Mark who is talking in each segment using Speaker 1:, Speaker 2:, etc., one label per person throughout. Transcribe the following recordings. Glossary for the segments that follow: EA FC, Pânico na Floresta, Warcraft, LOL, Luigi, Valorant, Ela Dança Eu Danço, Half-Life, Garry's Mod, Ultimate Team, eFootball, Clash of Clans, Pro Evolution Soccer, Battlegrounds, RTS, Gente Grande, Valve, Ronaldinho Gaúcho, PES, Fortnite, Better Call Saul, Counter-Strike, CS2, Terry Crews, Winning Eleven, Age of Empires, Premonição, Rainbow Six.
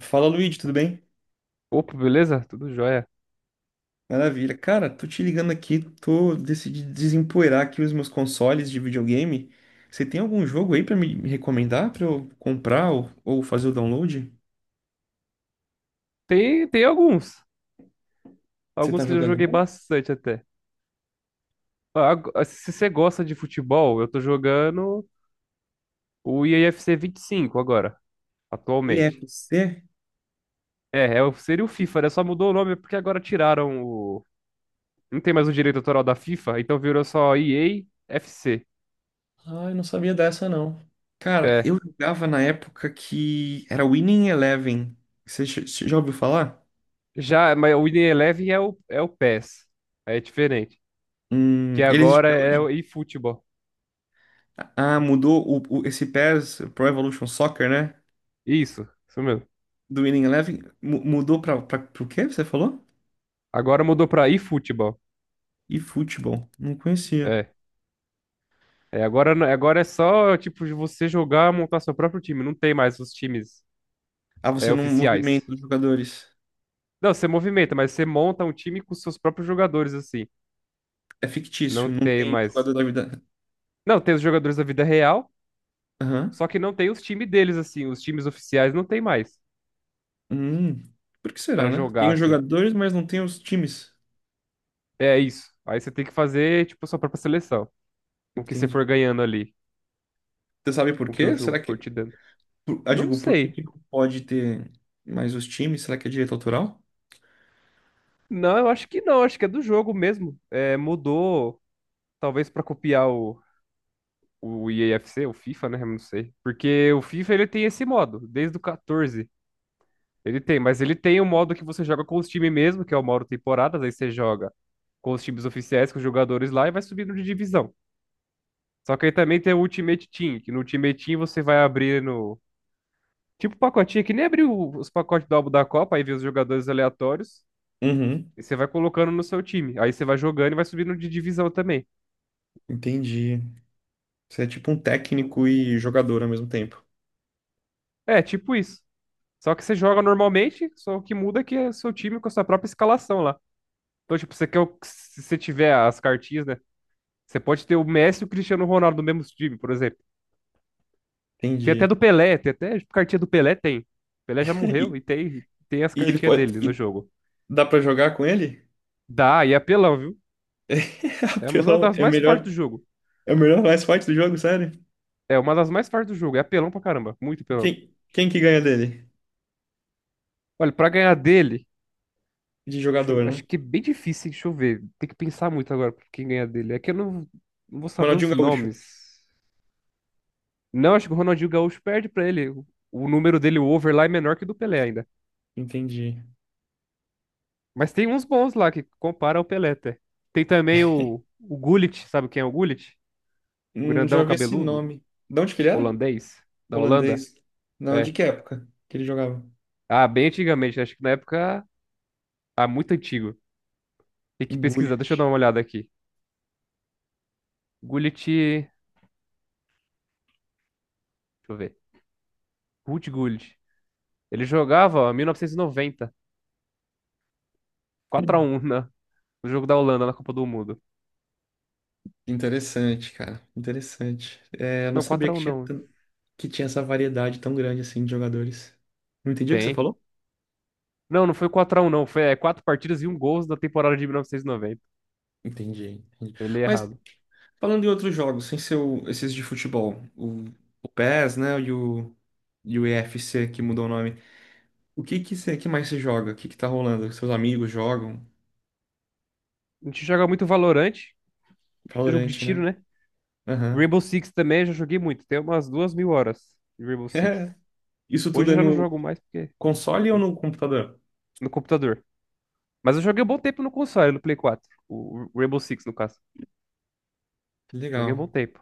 Speaker 1: Fala, Luigi, tudo bem?
Speaker 2: Opa, beleza? Tudo jóia.
Speaker 1: Maravilha. Cara, tô te ligando aqui, tô decidi desempoeirar aqui os meus consoles de videogame. Você tem algum jogo aí pra me recomendar pra eu comprar ou fazer o download?
Speaker 2: Tem alguns.
Speaker 1: Você tá
Speaker 2: Alguns que eu já
Speaker 1: jogando
Speaker 2: joguei
Speaker 1: algum?
Speaker 2: bastante até. Se você gosta de futebol, eu tô jogando o IAFC 25 agora, atualmente.
Speaker 1: EFC?
Speaker 2: É, seria o FIFA, né? Só mudou o nome é porque agora tiraram o. Não tem mais o direito autoral da FIFA, então virou só EA FC.
Speaker 1: Ah, eu não sabia dessa não. Cara,
Speaker 2: É.
Speaker 1: eu jogava na época que era Winning Eleven. Você já ouviu falar?
Speaker 2: Já, mas o EA Eleven é o PES. É diferente. Que
Speaker 1: Ele existe
Speaker 2: agora
Speaker 1: até
Speaker 2: é
Speaker 1: hoje?
Speaker 2: o eFootball.
Speaker 1: Ah, mudou o esse PES, Pro Evolution Soccer, né?
Speaker 2: Isso mesmo.
Speaker 1: Do Winning Eleven, mudou pro quê? Você falou?
Speaker 2: Agora mudou pra eFootball.
Speaker 1: E futebol? Não conhecia.
Speaker 2: É. É, agora, não- agora é só, tipo, de você jogar, montar seu próprio time. Não tem mais os times,
Speaker 1: Ah, você não
Speaker 2: oficiais.
Speaker 1: movimenta os jogadores.
Speaker 2: Não, você movimenta, mas você monta um time com seus próprios jogadores, assim.
Speaker 1: É
Speaker 2: Não
Speaker 1: fictício, não
Speaker 2: tem
Speaker 1: tem
Speaker 2: mais.
Speaker 1: jogador da vida.
Speaker 2: Não, tem os jogadores da vida real,
Speaker 1: Aham.
Speaker 2: só que não tem os times deles, assim. Os times oficiais não tem mais
Speaker 1: Hum, por que será,
Speaker 2: pra
Speaker 1: né?
Speaker 2: jogar,
Speaker 1: Tem os
Speaker 2: assim.
Speaker 1: jogadores, mas não tem os times.
Speaker 2: É isso. Aí você tem que fazer, tipo, sua própria seleção. Com o que você
Speaker 1: Entendi.
Speaker 2: for ganhando ali.
Speaker 1: Você sabe por
Speaker 2: Com o que o
Speaker 1: quê?
Speaker 2: jogo for te dando.
Speaker 1: Ah,
Speaker 2: Não
Speaker 1: digo, por que
Speaker 2: sei.
Speaker 1: que não pode ter mais os times? Será que é direito autoral?
Speaker 2: Não, eu acho que não. Acho que é do jogo mesmo. É, mudou, talvez pra copiar o EAFC, o FIFA, né? Eu não sei. Porque o FIFA ele tem esse modo, desde o 14. Ele tem, mas ele tem o modo que você joga com os times mesmo, que é o modo temporadas, aí você joga com os times oficiais, com os jogadores lá e vai subindo de divisão. Só que aí também tem o Ultimate Team, que no Ultimate Team você vai abrir no. Tipo pacotinho, que nem abriu os pacotes do álbum da Copa, aí vê os jogadores aleatórios,
Speaker 1: Uhum,
Speaker 2: e você vai colocando no seu time. Aí você vai jogando e vai subindo de divisão também.
Speaker 1: entendi. Você é tipo um técnico e jogador ao mesmo tempo.
Speaker 2: É, tipo isso. Só que você joga normalmente, só que muda é que é o seu time com a sua própria escalação lá. Então, tipo, se você tiver as cartinhas, né? Você pode ter o Messi e o Cristiano Ronaldo no mesmo time, por exemplo. Tem até
Speaker 1: Entendi.
Speaker 2: do Pelé, tem até tipo, cartinha do Pelé, tem. Pelé já morreu
Speaker 1: E,
Speaker 2: e tem as
Speaker 1: e ele
Speaker 2: cartinhas
Speaker 1: pode,
Speaker 2: dele no
Speaker 1: e
Speaker 2: jogo.
Speaker 1: dá pra jogar com ele?
Speaker 2: Dá, e é apelão, viu?
Speaker 1: É,
Speaker 2: É uma
Speaker 1: apelão,
Speaker 2: das
Speaker 1: é
Speaker 2: mais fortes
Speaker 1: melhor.
Speaker 2: do jogo.
Speaker 1: É o melhor mais forte do jogo, sério?
Speaker 2: É uma das mais fortes do jogo. É apelão pra caramba. Muito apelão.
Speaker 1: Quem que ganha dele?
Speaker 2: Olha, pra ganhar dele,
Speaker 1: De jogador, né?
Speaker 2: acho que é bem difícil, hein? Deixa eu ver. Tem que pensar muito agora pra quem ganhar dele. É que eu não vou saber os
Speaker 1: Ronaldinho Gaúcho.
Speaker 2: nomes. Não, acho que o Ronaldinho Gaúcho perde pra ele. O número dele, o over lá, é menor que o do Pelé ainda.
Speaker 1: Entendi.
Speaker 2: Mas tem uns bons lá que compara ao Pelé, até. Tem também o, Gullit, sabe quem é o Gullit? O
Speaker 1: Já
Speaker 2: grandão
Speaker 1: vi esse
Speaker 2: cabeludo,
Speaker 1: nome. De onde que ele era?
Speaker 2: holandês, da Holanda.
Speaker 1: Holandês. Não, de
Speaker 2: É.
Speaker 1: que época que ele jogava?
Speaker 2: Ah, bem antigamente, né? Acho que na época. Ah, muito antigo. Tem que pesquisar,
Speaker 1: Gullit.
Speaker 2: deixa eu dar uma olhada aqui. Gullit. Deixa eu ver. Ruud Gullit. Ele jogava ó, 1990, 4-1, no jogo da Holanda na Copa do Mundo.
Speaker 1: Interessante, cara. Interessante. É, eu não
Speaker 2: Não,
Speaker 1: sabia
Speaker 2: quatro a
Speaker 1: que
Speaker 2: um
Speaker 1: tinha,
Speaker 2: não.
Speaker 1: tan- que tinha essa variedade tão grande assim de jogadores. Não entendi o que você
Speaker 2: Tem.
Speaker 1: falou?
Speaker 2: Não, não foi quatro a um não. Foi 4 partidas e um gol na temporada de 1990.
Speaker 1: Entendi, entendi.
Speaker 2: Eu li
Speaker 1: Mas
Speaker 2: errado.
Speaker 1: falando em outros jogos, sem ser esses de futebol, o PES, né, e o EFC que mudou o nome. O que que, cê- que mais você joga? O que que tá rolando? Seus amigos jogam?
Speaker 2: A gente joga muito Valorant. Jogo de
Speaker 1: Valorant, né?
Speaker 2: tiro, né?
Speaker 1: Aham.
Speaker 2: Rainbow Six também já joguei muito. Tem umas 2.000 horas de Rainbow Six.
Speaker 1: É. Isso tudo
Speaker 2: Hoje
Speaker 1: é
Speaker 2: eu já não
Speaker 1: no
Speaker 2: jogo mais porque
Speaker 1: console ou no computador?
Speaker 2: no computador. Mas eu joguei um bom tempo no console, no Play 4. O Rainbow Six, no caso.
Speaker 1: Que
Speaker 2: Joguei um
Speaker 1: legal.
Speaker 2: bom tempo.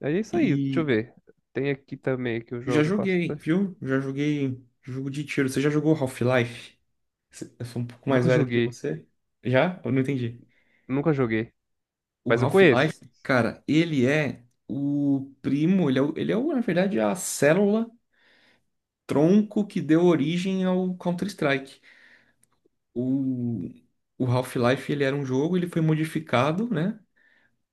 Speaker 2: É isso aí, deixa eu
Speaker 1: E
Speaker 2: ver. Tem aqui também que eu
Speaker 1: já
Speaker 2: jogo
Speaker 1: joguei,
Speaker 2: bastante.
Speaker 1: viu? Já joguei jogo de tiro. Você já jogou Half-Life? Eu sou um pouco mais
Speaker 2: Nunca
Speaker 1: velho que
Speaker 2: joguei,
Speaker 1: você. Já? Eu não entendi.
Speaker 2: nunca joguei.
Speaker 1: O
Speaker 2: Mas eu conheço.
Speaker 1: Half-Life, cara, ele é o primo, ele é o, na verdade, a célula tronco que deu origem ao Counter-Strike. O, o Half-Life ele era um jogo, ele foi modificado, né,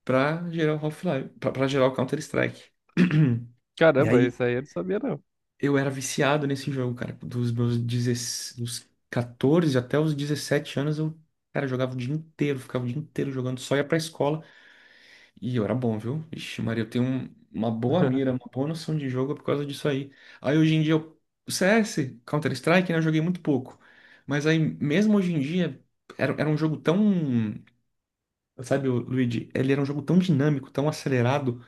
Speaker 1: para gerar o Half-Life, para gerar o Counter-Strike. E
Speaker 2: Caramba,
Speaker 1: aí
Speaker 2: esse aí eu não sabia, não.
Speaker 1: eu era viciado nesse jogo, cara. Dos meus 16, dos 14 até os 17 anos eu, cara, jogava o dia inteiro, ficava o dia inteiro jogando, só ia pra escola e eu era bom, viu? Ixi, Maria, eu tenho uma boa mira, uma boa noção de jogo por causa disso aí. Aí hoje em dia eu, o CS, Counter-Strike, né, eu joguei muito pouco. Mas aí mesmo hoje em dia era um jogo tão... Sabe, o Luigi, ele era um jogo tão dinâmico, tão acelerado,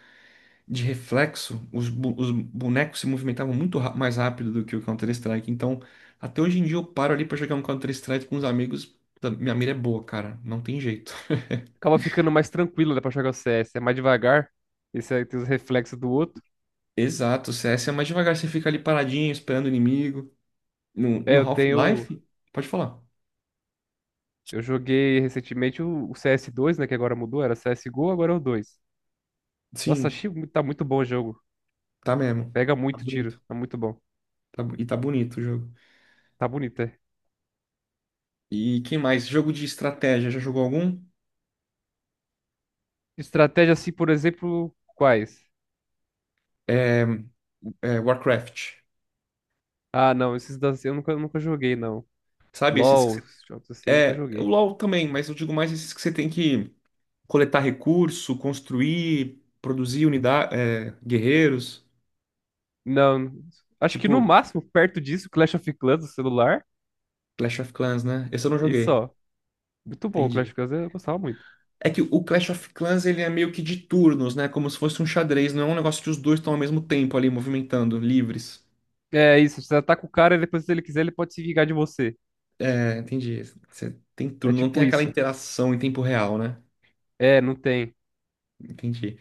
Speaker 1: de reflexo, os bonecos se movimentavam muito mais rápido do que o Counter-Strike. Então, até hoje em dia eu paro ali pra jogar um Counter-Strike com os amigos. Puta, minha mira é boa, cara, não tem jeito.
Speaker 2: Acaba ficando mais tranquilo, né, pra jogar o CS. É mais devagar. Esse aí tem os reflexos do outro.
Speaker 1: Exato, o CS é mais devagar, você fica ali paradinho, esperando o inimigo. No,
Speaker 2: É,
Speaker 1: no
Speaker 2: eu tenho
Speaker 1: Half-Life, pode falar.
Speaker 2: Eu joguei recentemente o CS2, né? Que agora mudou, era CSGO, agora é o 2. Nossa,
Speaker 1: Sim,
Speaker 2: achei, tá muito bom o jogo.
Speaker 1: tá mesmo.
Speaker 2: Pega
Speaker 1: Tá
Speaker 2: muito tiro,
Speaker 1: bonito.
Speaker 2: tá muito bom.
Speaker 1: E tá bonito o jogo.
Speaker 2: Tá bonito, é.
Speaker 1: E quem mais? Jogo de estratégia, já jogou algum?
Speaker 2: Estratégia assim, por exemplo, quais?
Speaker 1: É, é, Warcraft.
Speaker 2: Ah, não, esses da eu nunca joguei, não.
Speaker 1: Sabe esses que
Speaker 2: LOL,
Speaker 1: você...
Speaker 2: esses jogos assim, nunca
Speaker 1: É, o
Speaker 2: joguei.
Speaker 1: LoL também, mas eu digo mais esses que você tem que coletar recurso, construir, produzir unidade, guerreiros,
Speaker 2: Não, acho que no
Speaker 1: tipo
Speaker 2: máximo, perto disso, Clash of Clans do celular.
Speaker 1: Clash of Clans, né? Esse eu não
Speaker 2: E
Speaker 1: joguei,
Speaker 2: só. Muito bom, Clash
Speaker 1: entendi.
Speaker 2: of Clans eu gostava muito.
Speaker 1: É que o Clash of Clans ele é meio que de turnos, né? Como se fosse um xadrez, não é um negócio que os dois estão ao mesmo tempo ali movimentando, livres.
Speaker 2: É isso, você ataca o cara e depois, se ele quiser, ele pode se vingar de você.
Speaker 1: É, entendi. Você tem
Speaker 2: É
Speaker 1: turno, não
Speaker 2: tipo
Speaker 1: tem aquela
Speaker 2: isso.
Speaker 1: interação em tempo real, né?
Speaker 2: É, não tem.
Speaker 1: Entendi.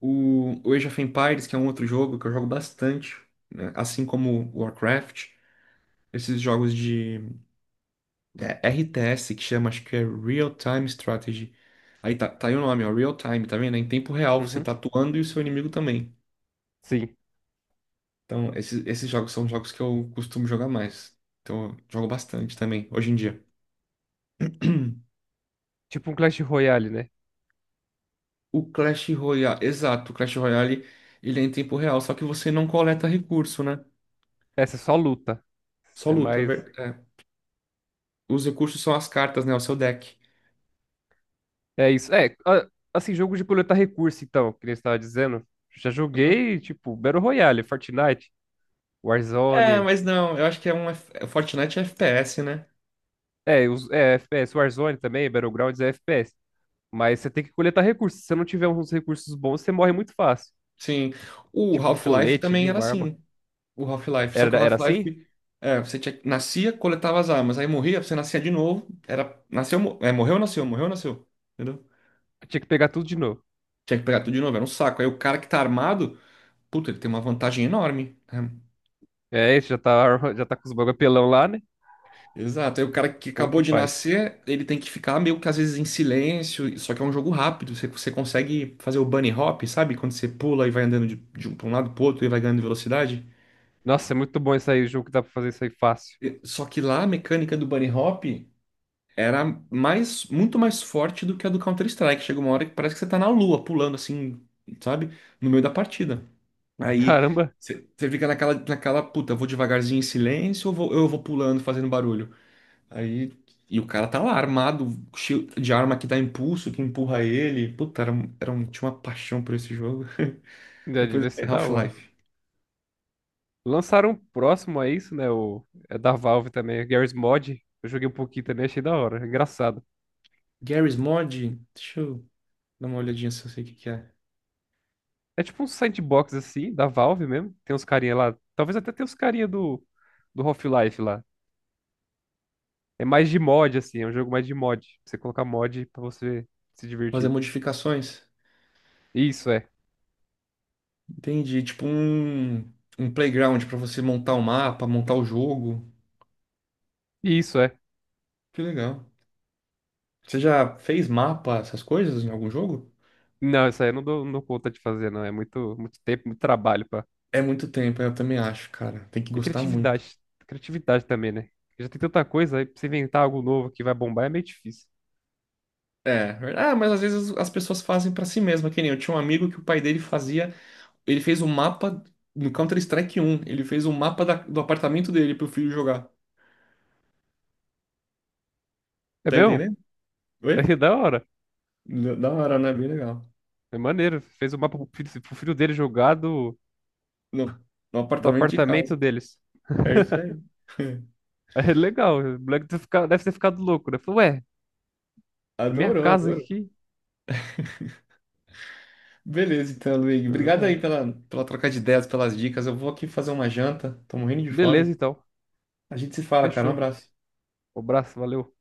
Speaker 1: O Age of Empires, que é um outro jogo que eu jogo bastante, né? Assim como o Warcraft. Esses jogos de RTS que chama, acho que é Real Time Strategy. Aí tá, tá aí o nome, ó, Real Time, tá vendo? É em tempo real, você
Speaker 2: Uhum.
Speaker 1: tá atuando e o seu inimigo também.
Speaker 2: Sim.
Speaker 1: Então, esses jogos são jogos que eu costumo jogar mais. Então, eu jogo bastante também, hoje em dia.
Speaker 2: Tipo um Clash Royale, né?
Speaker 1: O Clash Royale, exato, o Clash Royale, ele é em tempo real, só que você não coleta recurso, né?
Speaker 2: Essa é só luta.
Speaker 1: Só
Speaker 2: É
Speaker 1: luta,
Speaker 2: mais.
Speaker 1: é. Os recursos são as cartas, né? O seu deck.
Speaker 2: É isso. É, assim, jogo de coletar recurso, então, que nem você estava dizendo. Já
Speaker 1: Aham.
Speaker 2: joguei, tipo, Battle Royale, Fortnite,
Speaker 1: É,
Speaker 2: Warzone.
Speaker 1: mas não, eu acho que é um. Fortnite é FPS, né?
Speaker 2: É, é FPS, Warzone também, Battlegrounds é FPS. Mas você tem que coletar recursos. Se você não tiver uns recursos bons, você morre muito fácil.
Speaker 1: Sim. O
Speaker 2: Tipo um
Speaker 1: Half-Life
Speaker 2: colete
Speaker 1: também
Speaker 2: ali,
Speaker 1: era
Speaker 2: uma arma.
Speaker 1: assim. O Half-Life. Só que
Speaker 2: Era,
Speaker 1: o
Speaker 2: era assim?
Speaker 1: Half-Life. É, você tinha, nascia, coletava as armas. Aí morria, você nascia de novo. Era, nasceu, é, morreu, nasceu, morreu, nasceu. Entendeu?
Speaker 2: Tinha que pegar tudo de novo.
Speaker 1: Tinha que pegar tudo de novo, era um saco. Aí o cara que tá armado, puta, ele tem uma vantagem enorme, né?
Speaker 2: É, isso já tá, já tá com os bagulho apelão lá, né?
Speaker 1: Exato. Aí o cara que
Speaker 2: Como que
Speaker 1: acabou de
Speaker 2: faz?
Speaker 1: nascer, ele tem que ficar meio que às vezes em silêncio. Só que é um jogo rápido. Você consegue fazer o bunny hop, sabe? Quando você pula e vai andando pra um lado pro outro e vai ganhando velocidade.
Speaker 2: Nossa, é muito bom isso aí, o jogo que dá pra fazer isso aí fácil.
Speaker 1: Só que lá a mecânica do bunny hop era muito mais forte do que a do Counter-Strike. Chega uma hora que parece que você tá na lua, pulando assim, sabe? No meio da partida. Aí
Speaker 2: Caramba,
Speaker 1: você fica naquela, puta, eu vou devagarzinho em silêncio ou eu vou pulando, fazendo barulho? Aí. E o cara tá lá armado, cheio de arma que dá impulso, que empurra ele. Puta, era um, tinha uma paixão por esse jogo.
Speaker 2: já
Speaker 1: Depois,
Speaker 2: devia
Speaker 1: é
Speaker 2: ser da hora.
Speaker 1: Half-Life.
Speaker 2: Lançaram um próximo a isso, né? O, é da Valve também, Garry's Mod. Eu joguei um pouquinho também, achei da hora, engraçado.
Speaker 1: Garry's Mod, deixa eu dar uma olhadinha se eu sei o que que é.
Speaker 2: É tipo um sandbox assim, da Valve mesmo. Tem uns carinha lá, talvez até tenha os carinha do Half-Life lá. É mais de mod, assim, é um jogo mais de mod. Você colocar mod pra você se
Speaker 1: Fazer
Speaker 2: divertir.
Speaker 1: modificações.
Speaker 2: Isso é.
Speaker 1: Entendi. Tipo um playground pra você montar o mapa, montar o jogo.
Speaker 2: Isso é.
Speaker 1: Que legal. Você já fez mapa, essas coisas em algum jogo?
Speaker 2: Não, isso aí eu não dou conta de fazer, não. É muito, muito tempo, muito trabalho pra.
Speaker 1: É muito tempo, eu também acho, cara. Tem que
Speaker 2: E
Speaker 1: gostar muito.
Speaker 2: criatividade. Criatividade também, né? Já tem tanta coisa, aí pra você inventar algo novo que vai bombar é meio difícil.
Speaker 1: É, ah, mas às vezes as pessoas fazem pra si mesma, que nem eu tinha um amigo que o pai dele fazia, ele fez um mapa no Counter-Strike 1. Ele fez um mapa do apartamento dele pro filho jogar.
Speaker 2: É
Speaker 1: Tá
Speaker 2: mesmo?
Speaker 1: entendendo?
Speaker 2: É
Speaker 1: Oi?
Speaker 2: da hora.
Speaker 1: Da hora, né? Bem legal.
Speaker 2: É maneiro. Fez o mapa pro filho dele jogar do,
Speaker 1: No, no
Speaker 2: do
Speaker 1: apartamento de casa.
Speaker 2: apartamento deles.
Speaker 1: É isso aí.
Speaker 2: É legal. O moleque deve ter ficado louco, né? Falou, ué, é minha
Speaker 1: Adorou,
Speaker 2: casa
Speaker 1: adorou.
Speaker 2: aqui.
Speaker 1: Beleza, então, Luigi. Obrigado aí pela troca de ideias, pelas dicas. Eu vou aqui fazer uma janta. Tô morrendo de
Speaker 2: Beleza,
Speaker 1: fome.
Speaker 2: então.
Speaker 1: A gente se fala, cara. Um
Speaker 2: Fechou.
Speaker 1: abraço.
Speaker 2: Um abraço, valeu.